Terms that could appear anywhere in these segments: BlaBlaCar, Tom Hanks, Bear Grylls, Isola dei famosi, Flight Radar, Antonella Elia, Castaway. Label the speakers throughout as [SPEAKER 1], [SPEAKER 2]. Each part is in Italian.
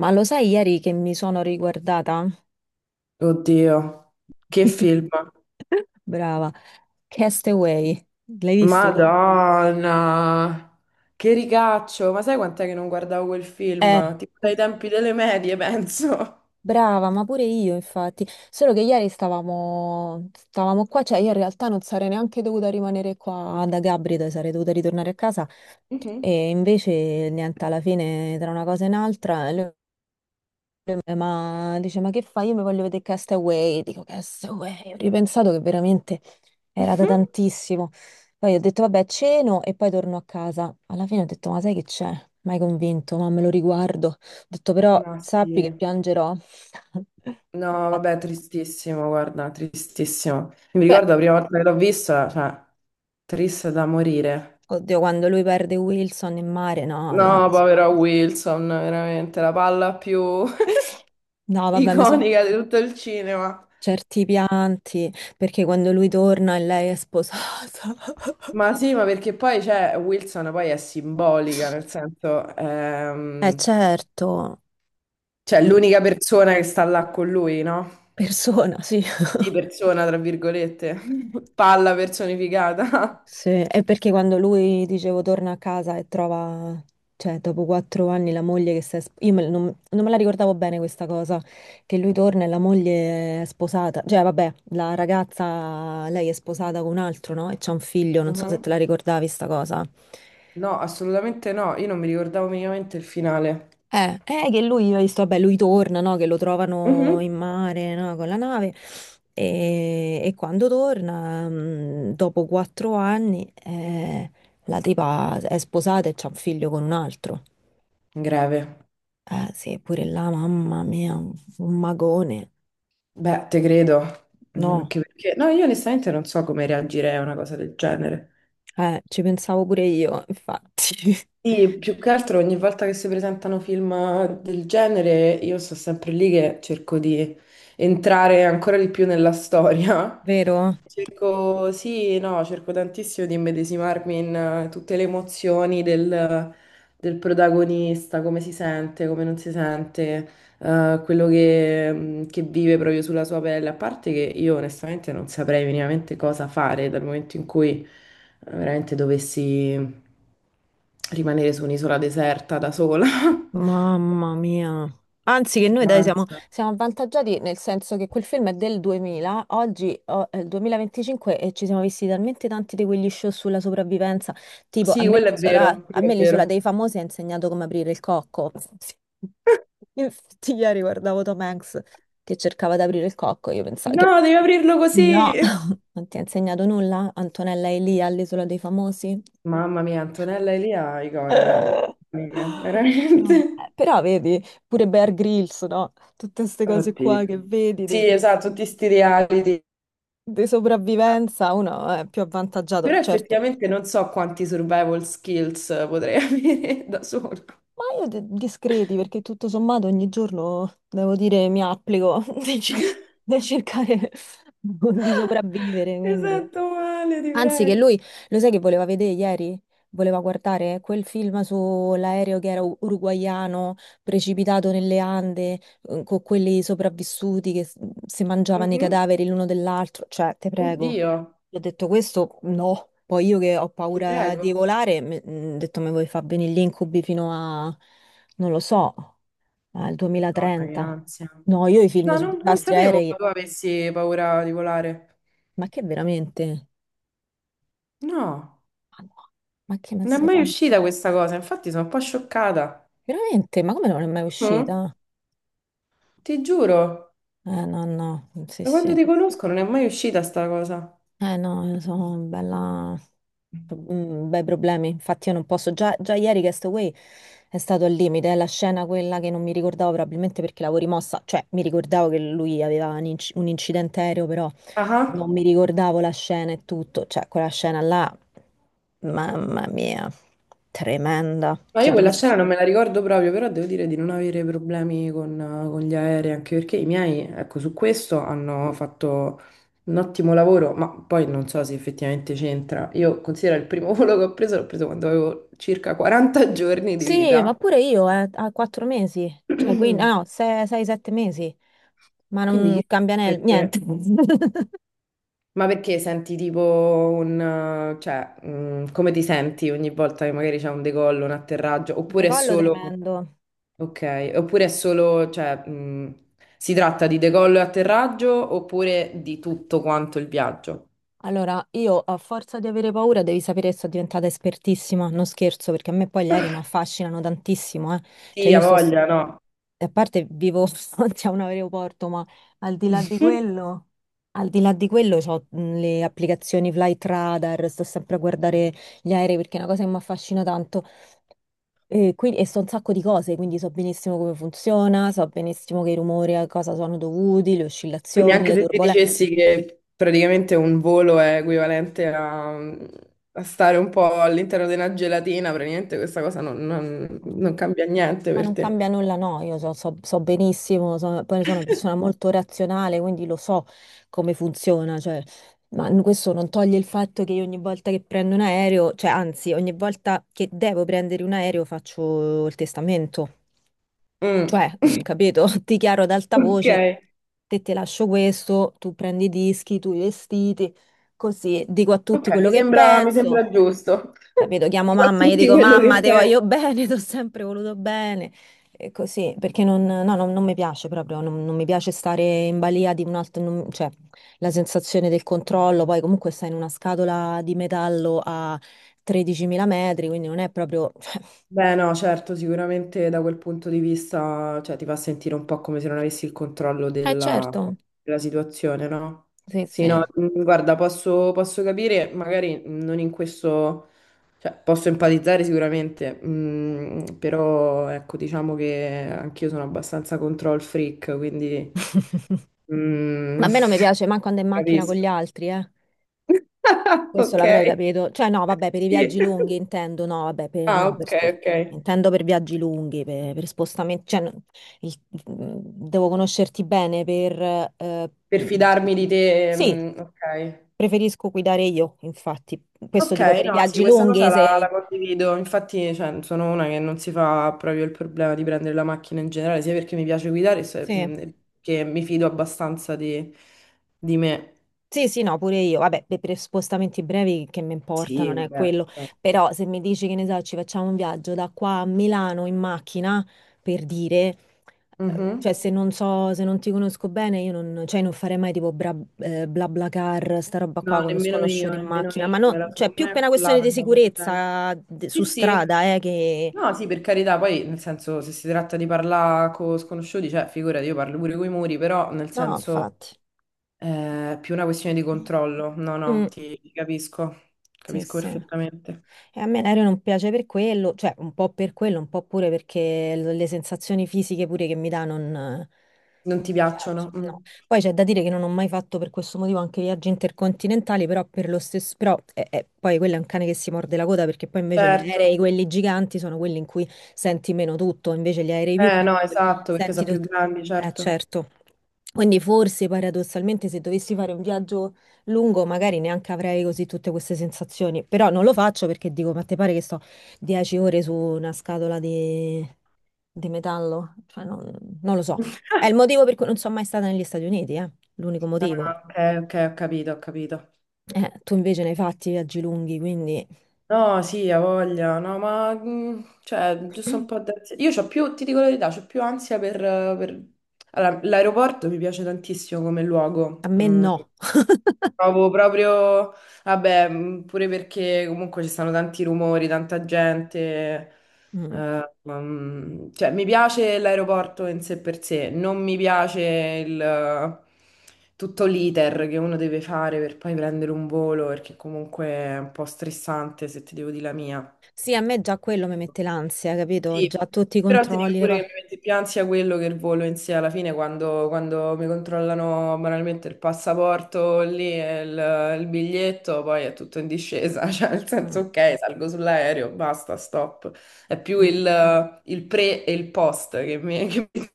[SPEAKER 1] Ma lo sai ieri che mi sono riguardata?
[SPEAKER 2] Oddio, che film.
[SPEAKER 1] Brava. Castaway, l'hai visto tu?
[SPEAKER 2] Madonna, che ricaccio. Ma sai quant'è che non guardavo quel
[SPEAKER 1] Eh,
[SPEAKER 2] film? Tipo dai
[SPEAKER 1] pu-
[SPEAKER 2] tempi delle medie, penso.
[SPEAKER 1] brava, ma pure io infatti. Solo che ieri stavamo qua, cioè io in realtà non sarei neanche dovuta rimanere qua da Gabrida, sarei dovuta ritornare a casa
[SPEAKER 2] Mhm.
[SPEAKER 1] e invece niente, alla fine tra una cosa e un'altra, lui ma dice ma che fai? Io mi voglio vedere Castaway, dico Castaway, ho ripensato che veramente. Era da tantissimo. Poi ho detto, vabbè, ceno e poi torno a casa. Alla fine ho detto, ma sai che c'è? Mai convinto, ma me lo riguardo. Ho detto,
[SPEAKER 2] Mhm.
[SPEAKER 1] però
[SPEAKER 2] Ma
[SPEAKER 1] sappi che
[SPEAKER 2] sì.
[SPEAKER 1] piangerò.
[SPEAKER 2] No,
[SPEAKER 1] Infatti.
[SPEAKER 2] vabbè, tristissimo, guarda, tristissimo. Mi
[SPEAKER 1] Beh.
[SPEAKER 2] ricordo la prima volta che l'ho vista, cioè, triste da morire.
[SPEAKER 1] Oddio, quando lui perde Wilson in mare, no, là,
[SPEAKER 2] No, povero Wilson, veramente, la palla più
[SPEAKER 1] no, vabbè, mi so
[SPEAKER 2] iconica di tutto il cinema.
[SPEAKER 1] certi pianti, perché quando lui torna e lei è sposata.
[SPEAKER 2] Ma sì, ma perché poi cioè, Wilson poi è simbolica, nel senso,
[SPEAKER 1] Eh certo,
[SPEAKER 2] cioè
[SPEAKER 1] per-
[SPEAKER 2] l'unica persona che sta là con lui, no?
[SPEAKER 1] persona, sì.
[SPEAKER 2] Sì, persona, tra virgolette, palla personificata.
[SPEAKER 1] Sì, è perché quando lui, dicevo, torna a casa e trova, cioè, dopo 4 anni la moglie che si è— non me la ricordavo bene questa cosa, che lui torna e la moglie è sposata, cioè, vabbè, la ragazza, lei è sposata con un altro, no? E c'ha un figlio, non so se
[SPEAKER 2] Mhm.
[SPEAKER 1] te la ricordavi sta cosa.
[SPEAKER 2] No, assolutamente no, io non mi ricordavo minimamente il finale.
[SPEAKER 1] Eh, che lui, hai visto, vabbè, lui torna, no? Che lo trovano in
[SPEAKER 2] Mhm.
[SPEAKER 1] mare, no? Con la nave. E quando torna, dopo 4 anni, la tipa è sposata e c'ha un figlio con un altro.
[SPEAKER 2] Greve.
[SPEAKER 1] Sì, pure là, mamma mia, un magone.
[SPEAKER 2] Beh, te credo. Mm,
[SPEAKER 1] No,
[SPEAKER 2] anche perché, no, io onestamente non so come reagirei a una cosa del genere.
[SPEAKER 1] ci pensavo pure io, infatti.
[SPEAKER 2] Sì, più che altro ogni volta che si presentano film del genere, io sto sempre lì che cerco di entrare ancora di più nella storia.
[SPEAKER 1] Vero?
[SPEAKER 2] Cerco, sì, no, cerco tantissimo di immedesimarmi in tutte le emozioni del, del protagonista, come si sente, come non si sente, quello che vive proprio sulla sua pelle. A parte che io onestamente non saprei minimamente cosa fare dal momento in cui veramente dovessi rimanere su un'isola deserta da sola.
[SPEAKER 1] Mamma mia. Anzi, che
[SPEAKER 2] Che
[SPEAKER 1] noi dai siamo,
[SPEAKER 2] ansia.
[SPEAKER 1] siamo avvantaggiati nel senso che quel film è del 2000, oggi oh, è il 2025 e ci siamo visti talmente tanti di quegli show sulla sopravvivenza. Tipo, a
[SPEAKER 2] Sì,
[SPEAKER 1] me
[SPEAKER 2] quello è
[SPEAKER 1] l'isola,
[SPEAKER 2] vero,
[SPEAKER 1] a
[SPEAKER 2] quello
[SPEAKER 1] me
[SPEAKER 2] è
[SPEAKER 1] l'Isola
[SPEAKER 2] vero.
[SPEAKER 1] dei famosi ha insegnato come aprire il cocco. Infatti, ieri guardavo Tom Hanks che cercava di aprire il cocco. Io pensavo che
[SPEAKER 2] No, devi aprirlo
[SPEAKER 1] no,
[SPEAKER 2] così.
[SPEAKER 1] non ti ha insegnato nulla, Antonella Elia all'Isola dei famosi?
[SPEAKER 2] Mamma mia, Antonella Elia, iconica,
[SPEAKER 1] Madonna.
[SPEAKER 2] iconica, veramente.
[SPEAKER 1] Però vedi, pure Bear Grylls, no? Tutte queste cose qua
[SPEAKER 2] Oddio.
[SPEAKER 1] che vedi
[SPEAKER 2] Sì, esatto, tutti sti reality.
[SPEAKER 1] di sopravvivenza, uno è più avvantaggiato,
[SPEAKER 2] Però
[SPEAKER 1] certo.
[SPEAKER 2] effettivamente non so quanti survival skills potrei avere da solo.
[SPEAKER 1] Ma io discreti, perché tutto sommato ogni giorno, devo dire, mi applico nel cer- nel cercare di sopravvivere,
[SPEAKER 2] Mi
[SPEAKER 1] quindi.
[SPEAKER 2] sento male, ti
[SPEAKER 1] Anzi, che
[SPEAKER 2] prego.
[SPEAKER 1] lui, lo sai che voleva vedere ieri? Voleva guardare quel film sull'aereo che era uruguaiano, precipitato nelle Ande, con quelli sopravvissuti che si mangiavano i
[SPEAKER 2] Mhm.
[SPEAKER 1] cadaveri l'uno dell'altro. Cioè, te prego.
[SPEAKER 2] Oddio,
[SPEAKER 1] Gli ho detto questo? No. Poi io che ho
[SPEAKER 2] ti
[SPEAKER 1] paura
[SPEAKER 2] prego.
[SPEAKER 1] di volare, ho detto mi vuoi far venire gli incubi fino a, non lo so, al
[SPEAKER 2] Madonna, che
[SPEAKER 1] 2030.
[SPEAKER 2] ansia.
[SPEAKER 1] No, io i film
[SPEAKER 2] No,
[SPEAKER 1] sui
[SPEAKER 2] non
[SPEAKER 1] disastri
[SPEAKER 2] sapevo che
[SPEAKER 1] aerei,
[SPEAKER 2] tu avessi paura di volare.
[SPEAKER 1] ma che veramente?
[SPEAKER 2] No,
[SPEAKER 1] Ma no, ma che me
[SPEAKER 2] non è
[SPEAKER 1] sei
[SPEAKER 2] mai
[SPEAKER 1] pazzo?
[SPEAKER 2] uscita questa cosa, infatti sono un po' scioccata.
[SPEAKER 1] Veramente? Ma come non è mai
[SPEAKER 2] Mm,
[SPEAKER 1] uscita?
[SPEAKER 2] ti giuro.
[SPEAKER 1] Eh no, no, sì
[SPEAKER 2] Da quando
[SPEAKER 1] sì.
[SPEAKER 2] ti conosco non è mai uscita sta cosa.
[SPEAKER 1] Eh no, sono bella. Bei problemi, infatti io non posso. Già, già ieri Castaway è stato al limite, è la scena quella che non mi ricordavo probabilmente perché l'avevo rimossa, cioè mi ricordavo che lui aveva un, un incidente aereo, però
[SPEAKER 2] Ah,
[SPEAKER 1] non
[SPEAKER 2] ah.
[SPEAKER 1] mi ricordavo la scena e tutto, cioè quella scena là, mamma mia, tremenda.
[SPEAKER 2] Ma io
[SPEAKER 1] Cioè, già
[SPEAKER 2] quella scena non me la ricordo proprio, però devo dire di non avere problemi con gli aerei, anche perché i miei, ecco, su questo hanno fatto un ottimo lavoro, ma poi non so se effettivamente c'entra. Io considero il primo volo che ho preso, l'ho preso quando avevo circa 40 giorni di
[SPEAKER 1] sì, ma
[SPEAKER 2] vita.
[SPEAKER 1] pure io, a 4 mesi, cioè, quindi, ah, no, sei, sei, sette mesi, ma
[SPEAKER 2] Quindi
[SPEAKER 1] non
[SPEAKER 2] chissà
[SPEAKER 1] cambia niente.
[SPEAKER 2] perché? Ma perché senti tipo un... cioè, come ti senti ogni volta che magari c'è un decollo, un atterraggio, oppure è
[SPEAKER 1] Decollo
[SPEAKER 2] solo...
[SPEAKER 1] tremendo.
[SPEAKER 2] Ok, oppure è solo, cioè, si tratta di decollo e atterraggio oppure di tutto quanto il viaggio?
[SPEAKER 1] Allora, io a forza di avere paura, devi sapere che sono diventata espertissima, non scherzo, perché a me poi gli aerei mi affascinano tantissimo, eh. Cioè,
[SPEAKER 2] Sì, ha voglia, no?
[SPEAKER 1] a parte vivo davanti a un aeroporto, ma al di là di quello, al di là di quello, ho le applicazioni Flight Radar, sto sempre a guardare gli aerei perché è una cosa che mi affascina tanto. E, quindi, e so un sacco di cose, quindi so benissimo come funziona, so benissimo che i rumori a cosa sono dovuti, le
[SPEAKER 2] Quindi
[SPEAKER 1] oscillazioni,
[SPEAKER 2] anche
[SPEAKER 1] le
[SPEAKER 2] se ti
[SPEAKER 1] turbolenze.
[SPEAKER 2] dicessi che praticamente un volo è equivalente a, a stare un po' all'interno di una gelatina, praticamente questa cosa non, non-
[SPEAKER 1] Mm.
[SPEAKER 2] non cambia niente
[SPEAKER 1] Ma
[SPEAKER 2] per
[SPEAKER 1] non
[SPEAKER 2] te.
[SPEAKER 1] cambia nulla, no, io so benissimo, poi sono una persona molto razionale, quindi lo so come funziona, cioè, ma questo non toglie il fatto che io ogni volta che prendo un aereo, cioè anzi, ogni volta che devo prendere un aereo faccio il testamento.
[SPEAKER 2] Mm.
[SPEAKER 1] Cioè, capito? Ti chiaro ad alta
[SPEAKER 2] Ok,
[SPEAKER 1] voce, a te ti lascio questo, tu prendi i dischi, tu i vestiti, così dico a tutti
[SPEAKER 2] ok,
[SPEAKER 1] quello che
[SPEAKER 2] mi
[SPEAKER 1] penso,
[SPEAKER 2] sembra giusto.
[SPEAKER 1] capito? Chiamo
[SPEAKER 2] Dico a
[SPEAKER 1] mamma, gli
[SPEAKER 2] tutti
[SPEAKER 1] dico
[SPEAKER 2] quello
[SPEAKER 1] mamma,
[SPEAKER 2] che
[SPEAKER 1] ti
[SPEAKER 2] penso.
[SPEAKER 1] voglio bene, ti ho sempre voluto bene, e così, perché non, no, non mi piace proprio, non mi piace stare in balia di un altro, cioè, la sensazione del controllo, poi comunque stai in una scatola di metallo a 13.000 metri, quindi non è proprio.
[SPEAKER 2] Beh, no, certo, sicuramente da quel punto di vista, cioè, ti fa sentire un po' come se non avessi il controllo
[SPEAKER 1] Eh certo,
[SPEAKER 2] della situazione, no?
[SPEAKER 1] sì,
[SPEAKER 2] Sì, no,
[SPEAKER 1] sì.
[SPEAKER 2] guarda, posso, posso capire, magari non in questo, cioè, posso empatizzare sicuramente, però ecco, diciamo che anch'io sono abbastanza control freak, quindi
[SPEAKER 1] Ma
[SPEAKER 2] mm,
[SPEAKER 1] a me non mi piace manco andare in macchina con gli
[SPEAKER 2] capisco.
[SPEAKER 1] altri, eh. Questo
[SPEAKER 2] Ok,
[SPEAKER 1] l'avrei capito. Cioè, no, vabbè, per i
[SPEAKER 2] sì.
[SPEAKER 1] viaggi lunghi intendo, no, vabbè, per,
[SPEAKER 2] Ah,
[SPEAKER 1] no, per
[SPEAKER 2] ok, ok.
[SPEAKER 1] intendo per viaggi lunghi, per, spostamenti. Cioè, no, il- mm, devo conoscerti bene per. Eh,
[SPEAKER 2] Per
[SPEAKER 1] mm,
[SPEAKER 2] fidarmi di te.
[SPEAKER 1] sì,
[SPEAKER 2] Ok.
[SPEAKER 1] preferisco guidare io, infatti. Questo
[SPEAKER 2] Ok,
[SPEAKER 1] dico per i
[SPEAKER 2] no, sì,
[SPEAKER 1] viaggi
[SPEAKER 2] questa
[SPEAKER 1] lunghi,
[SPEAKER 2] cosa la,
[SPEAKER 1] se.
[SPEAKER 2] la condivido. Infatti, cioè, sono una che non si fa proprio il problema di prendere la macchina in generale, sia perché mi piace guidare, sia
[SPEAKER 1] Sì.
[SPEAKER 2] perché mi fido abbastanza di me.
[SPEAKER 1] Sì, sì, no, pure io. Vabbè, per spostamenti brevi che mi importa,
[SPEAKER 2] Sì,
[SPEAKER 1] non è
[SPEAKER 2] vabbè.
[SPEAKER 1] quello.
[SPEAKER 2] Certo.
[SPEAKER 1] Però se mi dici che ne so, ci facciamo un viaggio da qua a Milano in macchina, per dire,
[SPEAKER 2] Mhm.
[SPEAKER 1] cioè se non so, se non ti conosco bene, io non, cioè, non farei mai tipo bla, BlaBlaCar, sta roba
[SPEAKER 2] No,
[SPEAKER 1] qua con lo sconosciuto in
[SPEAKER 2] nemmeno
[SPEAKER 1] macchina.
[SPEAKER 2] io,
[SPEAKER 1] Ma
[SPEAKER 2] non
[SPEAKER 1] no,
[SPEAKER 2] me la
[SPEAKER 1] cioè
[SPEAKER 2] sono
[SPEAKER 1] più
[SPEAKER 2] mai
[SPEAKER 1] per una questione
[SPEAKER 2] accollata
[SPEAKER 1] di
[SPEAKER 2] una cosa del genere.
[SPEAKER 1] sicurezza
[SPEAKER 2] Sì,
[SPEAKER 1] su
[SPEAKER 2] sì.
[SPEAKER 1] strada, che.
[SPEAKER 2] No, sì, per carità, poi nel senso se si tratta di parlare con sconosciuti, cioè figurati, io parlo pure coi muri, però nel
[SPEAKER 1] No,
[SPEAKER 2] senso
[SPEAKER 1] infatti.
[SPEAKER 2] è più una questione di controllo. No, no,
[SPEAKER 1] Mm,
[SPEAKER 2] ti capisco,
[SPEAKER 1] sì,
[SPEAKER 2] capisco
[SPEAKER 1] sì.
[SPEAKER 2] perfettamente.
[SPEAKER 1] E a me l'aereo non piace per quello, cioè un po' per quello, un po' pure perché le sensazioni fisiche pure che mi dà non
[SPEAKER 2] Non ti
[SPEAKER 1] mi
[SPEAKER 2] piacciono?
[SPEAKER 1] piacciono.
[SPEAKER 2] Mm.
[SPEAKER 1] No. Poi c'è da dire che non ho mai fatto per questo motivo anche viaggi intercontinentali, però per lo stesso, però eh, poi quello è un cane che si morde la coda perché poi invece gli aerei,
[SPEAKER 2] Certo.
[SPEAKER 1] quelli giganti, sono quelli in cui senti meno tutto, invece gli aerei più
[SPEAKER 2] No,
[SPEAKER 1] piccoli
[SPEAKER 2] esatto, perché
[SPEAKER 1] senti
[SPEAKER 2] sono più
[SPEAKER 1] tutto.
[SPEAKER 2] grandi,
[SPEAKER 1] Eh
[SPEAKER 2] certo.
[SPEAKER 1] certo. Quindi forse paradossalmente se dovessi fare un viaggio lungo magari neanche avrei così tutte queste sensazioni, però non lo faccio perché dico, ma te pare che sto 10 ore su una scatola di metallo? Cioè, non lo so. È il motivo per cui non sono mai stata negli Stati Uniti, eh? L'unico motivo.
[SPEAKER 2] Ah, ok, ok, ho capito, ho capito.
[SPEAKER 1] Tu invece ne hai fatti viaggi lunghi, quindi
[SPEAKER 2] No, sì, ha voglia, no, ma cioè, giusto un po' d'ansia. Io c'ho più, ti dico la verità, c'ho più ansia per- Allora, l'aeroporto mi piace tantissimo come
[SPEAKER 1] a
[SPEAKER 2] luogo.
[SPEAKER 1] me
[SPEAKER 2] Mm.
[SPEAKER 1] no.
[SPEAKER 2] Trovo proprio, vabbè, pure perché comunque ci stanno tanti rumori, tanta gente.
[SPEAKER 1] Mm.
[SPEAKER 2] Cioè, mi piace l'aeroporto in sé per sé, non mi piace tutto l'iter che uno deve fare per poi prendere un volo, perché comunque è un po' stressante se ti devo dire la mia.
[SPEAKER 1] Sì, a me già quello mi mette l'ansia, capito? Già
[SPEAKER 2] Sì,
[SPEAKER 1] tutti i
[SPEAKER 2] però ti dico
[SPEAKER 1] controlli, le
[SPEAKER 2] pure che
[SPEAKER 1] cose.
[SPEAKER 2] mi mette più ansia quello che il volo in sé alla fine quando, quando mi controllano banalmente il passaporto lì e il biglietto, poi è tutto in discesa, cioè nel senso
[SPEAKER 1] Mm,
[SPEAKER 2] ok, salgo sull'aereo, basta, stop. È più
[SPEAKER 1] mm.
[SPEAKER 2] il pre e il post che mi... Che mi-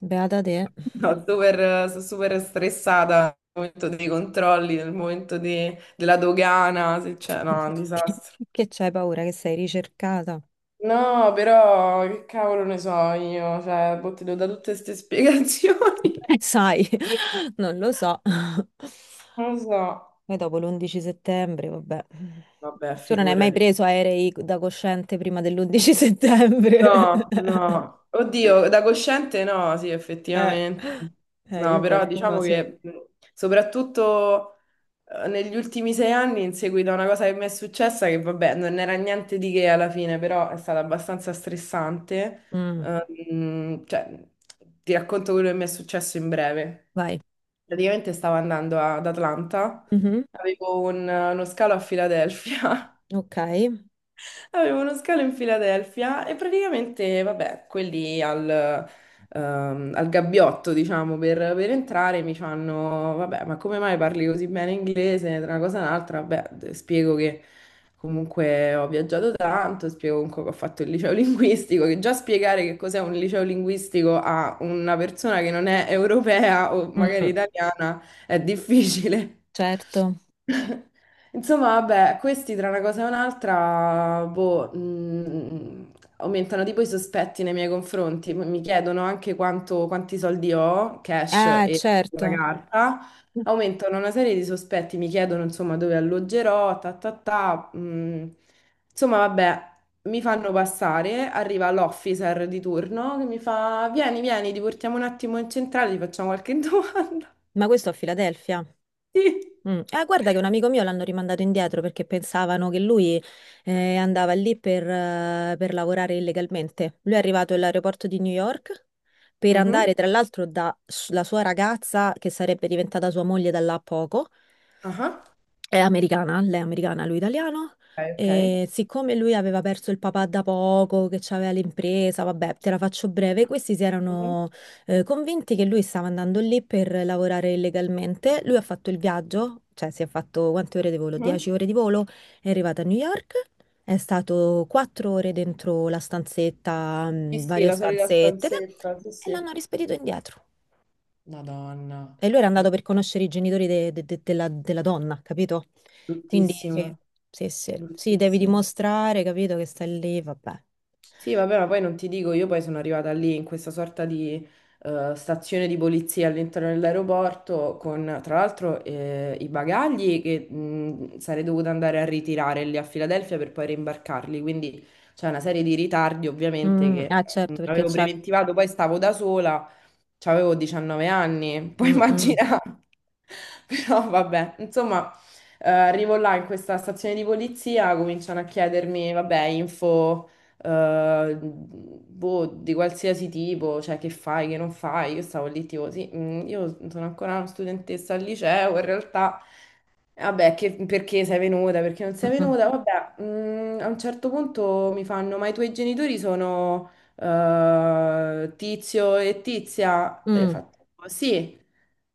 [SPEAKER 1] Beata te,
[SPEAKER 2] no, super, sono super stressata nel momento dei controlli, nel momento della dogana, se c'è, no, è un
[SPEAKER 1] che
[SPEAKER 2] disastro.
[SPEAKER 1] che c'hai paura che sei ricercata.
[SPEAKER 2] No, però che cavolo ne so io, cioè, boh, ti do da tutte queste spiegazioni.
[SPEAKER 1] Sai, non lo so.
[SPEAKER 2] Non lo so.
[SPEAKER 1] Poi dopo l'11 settembre, vabbè.
[SPEAKER 2] Vabbè,
[SPEAKER 1] Tu non hai mai
[SPEAKER 2] figurati.
[SPEAKER 1] preso aerei da cosciente prima dell'11 settembre?
[SPEAKER 2] No, no. Oddio, da cosciente no, sì,
[SPEAKER 1] Eh,
[SPEAKER 2] effettivamente.
[SPEAKER 1] eh,
[SPEAKER 2] No,
[SPEAKER 1] io
[SPEAKER 2] però
[SPEAKER 1] qualcuno
[SPEAKER 2] diciamo
[SPEAKER 1] sì.
[SPEAKER 2] che soprattutto negli ultimi 6 anni, in seguito a una cosa che mi è successa, che vabbè, non era niente di che alla fine, però è stata abbastanza stressante.
[SPEAKER 1] Mm,
[SPEAKER 2] Cioè, ti racconto quello che mi è successo in breve.
[SPEAKER 1] vai.
[SPEAKER 2] Praticamente stavo andando ad Atlanta,
[SPEAKER 1] Mhm,
[SPEAKER 2] avevo uno scalo a Filadelfia.
[SPEAKER 1] ok.
[SPEAKER 2] Avevo uno scalo in Filadelfia e praticamente, vabbè, quelli al, al gabbiotto, diciamo, per entrare mi fanno, vabbè, ma come mai parli così bene inglese? Tra una cosa e un'altra, vabbè, spiego che comunque ho viaggiato tanto, spiego comunque che ho fatto il liceo linguistico, che già spiegare che cos'è un liceo linguistico a una persona che non è europea o magari
[SPEAKER 1] Mm,
[SPEAKER 2] italiana è difficile.
[SPEAKER 1] certo.
[SPEAKER 2] Insomma, vabbè, questi tra una cosa e un'altra, boh, aumentano tipo i sospetti nei miei confronti. Mi chiedono anche quanti soldi ho, cash
[SPEAKER 1] Ah,
[SPEAKER 2] e la
[SPEAKER 1] certo.
[SPEAKER 2] carta. Aumentano una serie di sospetti, mi chiedono insomma dove alloggerò, ta ta ta. Insomma, vabbè, mi fanno passare, arriva l'officer di turno che mi fa, vieni, vieni, ti portiamo un attimo in centrale, ti facciamo qualche domanda.
[SPEAKER 1] Ma questo a Filadelfia?
[SPEAKER 2] Sì.
[SPEAKER 1] Mm. Guarda che un amico mio l'hanno rimandato indietro perché pensavano che lui andava lì per lavorare illegalmente. Lui è arrivato all'aeroporto di New York per
[SPEAKER 2] Mhm.
[SPEAKER 1] andare, tra l'altro, da la sua ragazza, che sarebbe diventata sua moglie da là a poco,
[SPEAKER 2] Ah,
[SPEAKER 1] è americana, lei è americana, lui italiano.
[SPEAKER 2] ok, ok.
[SPEAKER 1] E siccome lui aveva perso il papà da poco, che aveva l'impresa, vabbè, te la faccio breve, questi si
[SPEAKER 2] Mhm,
[SPEAKER 1] erano convinti che lui stava andando lì per lavorare illegalmente. Lui ha fatto il viaggio, cioè si è fatto quante ore di volo?
[SPEAKER 2] mhm.
[SPEAKER 1] 10 ore di volo, è arrivato a New York, è stato 4 ore dentro la stanzetta,
[SPEAKER 2] Sì, sì,
[SPEAKER 1] varie
[SPEAKER 2] la solita
[SPEAKER 1] stanzette, ed
[SPEAKER 2] stanzetta, sì,
[SPEAKER 1] è- e
[SPEAKER 2] sì.
[SPEAKER 1] l'hanno rispedito indietro.
[SPEAKER 2] Madonna,
[SPEAKER 1] E lui era andato
[SPEAKER 2] bru-
[SPEAKER 1] per conoscere i genitori della donna, capito? Quindi
[SPEAKER 2] bruttissimo,
[SPEAKER 1] sì, sì, sì, sì, devi
[SPEAKER 2] bruttissimo.
[SPEAKER 1] dimostrare, capito, che stai lì, vabbè.
[SPEAKER 2] Sì, vabbè, ma poi non ti dico, io poi sono arrivata lì in questa sorta di stazione di polizia all'interno dell'aeroporto con, tra l'altro, i bagagli che sarei dovuta andare a ritirare lì a Filadelfia per poi rimbarcarli, quindi c'è una serie di ritardi ovviamente
[SPEAKER 1] Mm,
[SPEAKER 2] che
[SPEAKER 1] ah,
[SPEAKER 2] non
[SPEAKER 1] certo, perché
[SPEAKER 2] avevo
[SPEAKER 1] c'è.
[SPEAKER 2] preventivato, poi stavo da sola, avevo 19 anni, puoi
[SPEAKER 1] Mm, mm,
[SPEAKER 2] immaginare, però vabbè, insomma... Arrivo là in questa stazione di polizia, cominciano a chiedermi, vabbè, info boh, di qualsiasi tipo, cioè che fai, che non fai. Io stavo lì tipo, sì, io sono ancora una studentessa al liceo, in realtà, vabbè, perché sei venuta, perché non sei
[SPEAKER 1] mm,
[SPEAKER 2] venuta, vabbè, a un certo punto mi fanno, ma i tuoi genitori sono Tizio e Tizia? E io ho
[SPEAKER 1] mm,
[SPEAKER 2] fatto, sì.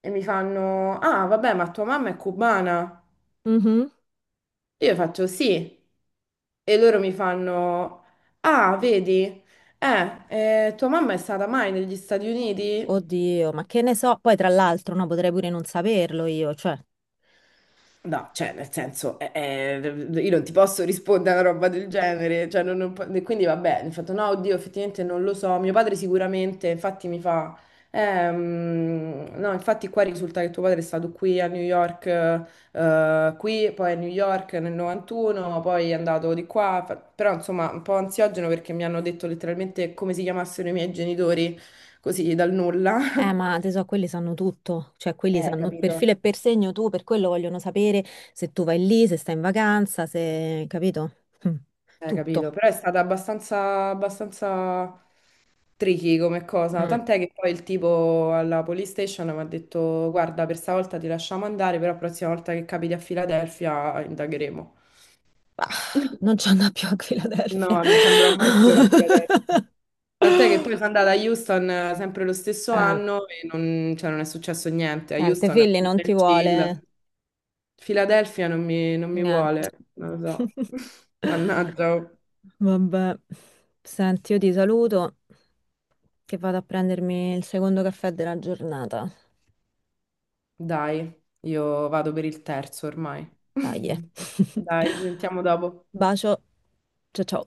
[SPEAKER 2] E mi fanno, ah, vabbè, ma tua mamma è cubana?
[SPEAKER 1] mhm.
[SPEAKER 2] Io faccio sì. E loro mi fanno, ah, vedi, eh, tua mamma è stata mai negli Stati Uniti?
[SPEAKER 1] Oddio, ma che ne so? Poi tra l'altro, no, potrei pure non saperlo io, cioè.
[SPEAKER 2] No, cioè, nel senso, io non ti posso rispondere a una roba del genere, cioè, non- non po- e quindi vabbè, mi fatto no, oddio, effettivamente non lo so, mio padre sicuramente, infatti mi fa, no, infatti qua risulta che tuo padre è stato qui a New York, qui, poi a New York nel 91, poi è andato di qua, però insomma un po' ansiogeno perché mi hanno detto letteralmente come si chiamassero i miei genitori, così dal nulla.
[SPEAKER 1] Ma te so, quelli sanno tutto, cioè quelli sanno per filo
[SPEAKER 2] Capito,
[SPEAKER 1] e per segno tu, per quello vogliono sapere se tu vai lì, se stai in vacanza, se, capito? Mm,
[SPEAKER 2] capito,
[SPEAKER 1] tutto.
[SPEAKER 2] però è stata abbastanza, abbastanza. Tricky come cosa,
[SPEAKER 1] Mm,
[SPEAKER 2] tant'è che poi il tipo alla police station mi ha detto guarda, per stavolta ti lasciamo andare, però la prossima volta che capiti a Filadelfia indagheremo.
[SPEAKER 1] bah, non c'è una più a Philadelphia.
[SPEAKER 2] No, non ci andrò mai più a Filadelfia. Tant'è che poi sono andata a Houston sempre lo stesso
[SPEAKER 1] Eh,
[SPEAKER 2] anno e non, cioè, non è successo niente. A
[SPEAKER 1] niente,
[SPEAKER 2] Houston è
[SPEAKER 1] Philly
[SPEAKER 2] più
[SPEAKER 1] non ti
[SPEAKER 2] del
[SPEAKER 1] vuole
[SPEAKER 2] chill. Filadelfia non mi
[SPEAKER 1] niente.
[SPEAKER 2] vuole, non lo so. Mannaggia.
[SPEAKER 1] Vabbè, senti, io ti saluto che vado a prendermi il secondo caffè della giornata.
[SPEAKER 2] Dai, io vado per il terzo ormai.
[SPEAKER 1] Dai. Eh.
[SPEAKER 2] Dai, ci sentiamo dopo.
[SPEAKER 1] Bacio. Ciao ciao.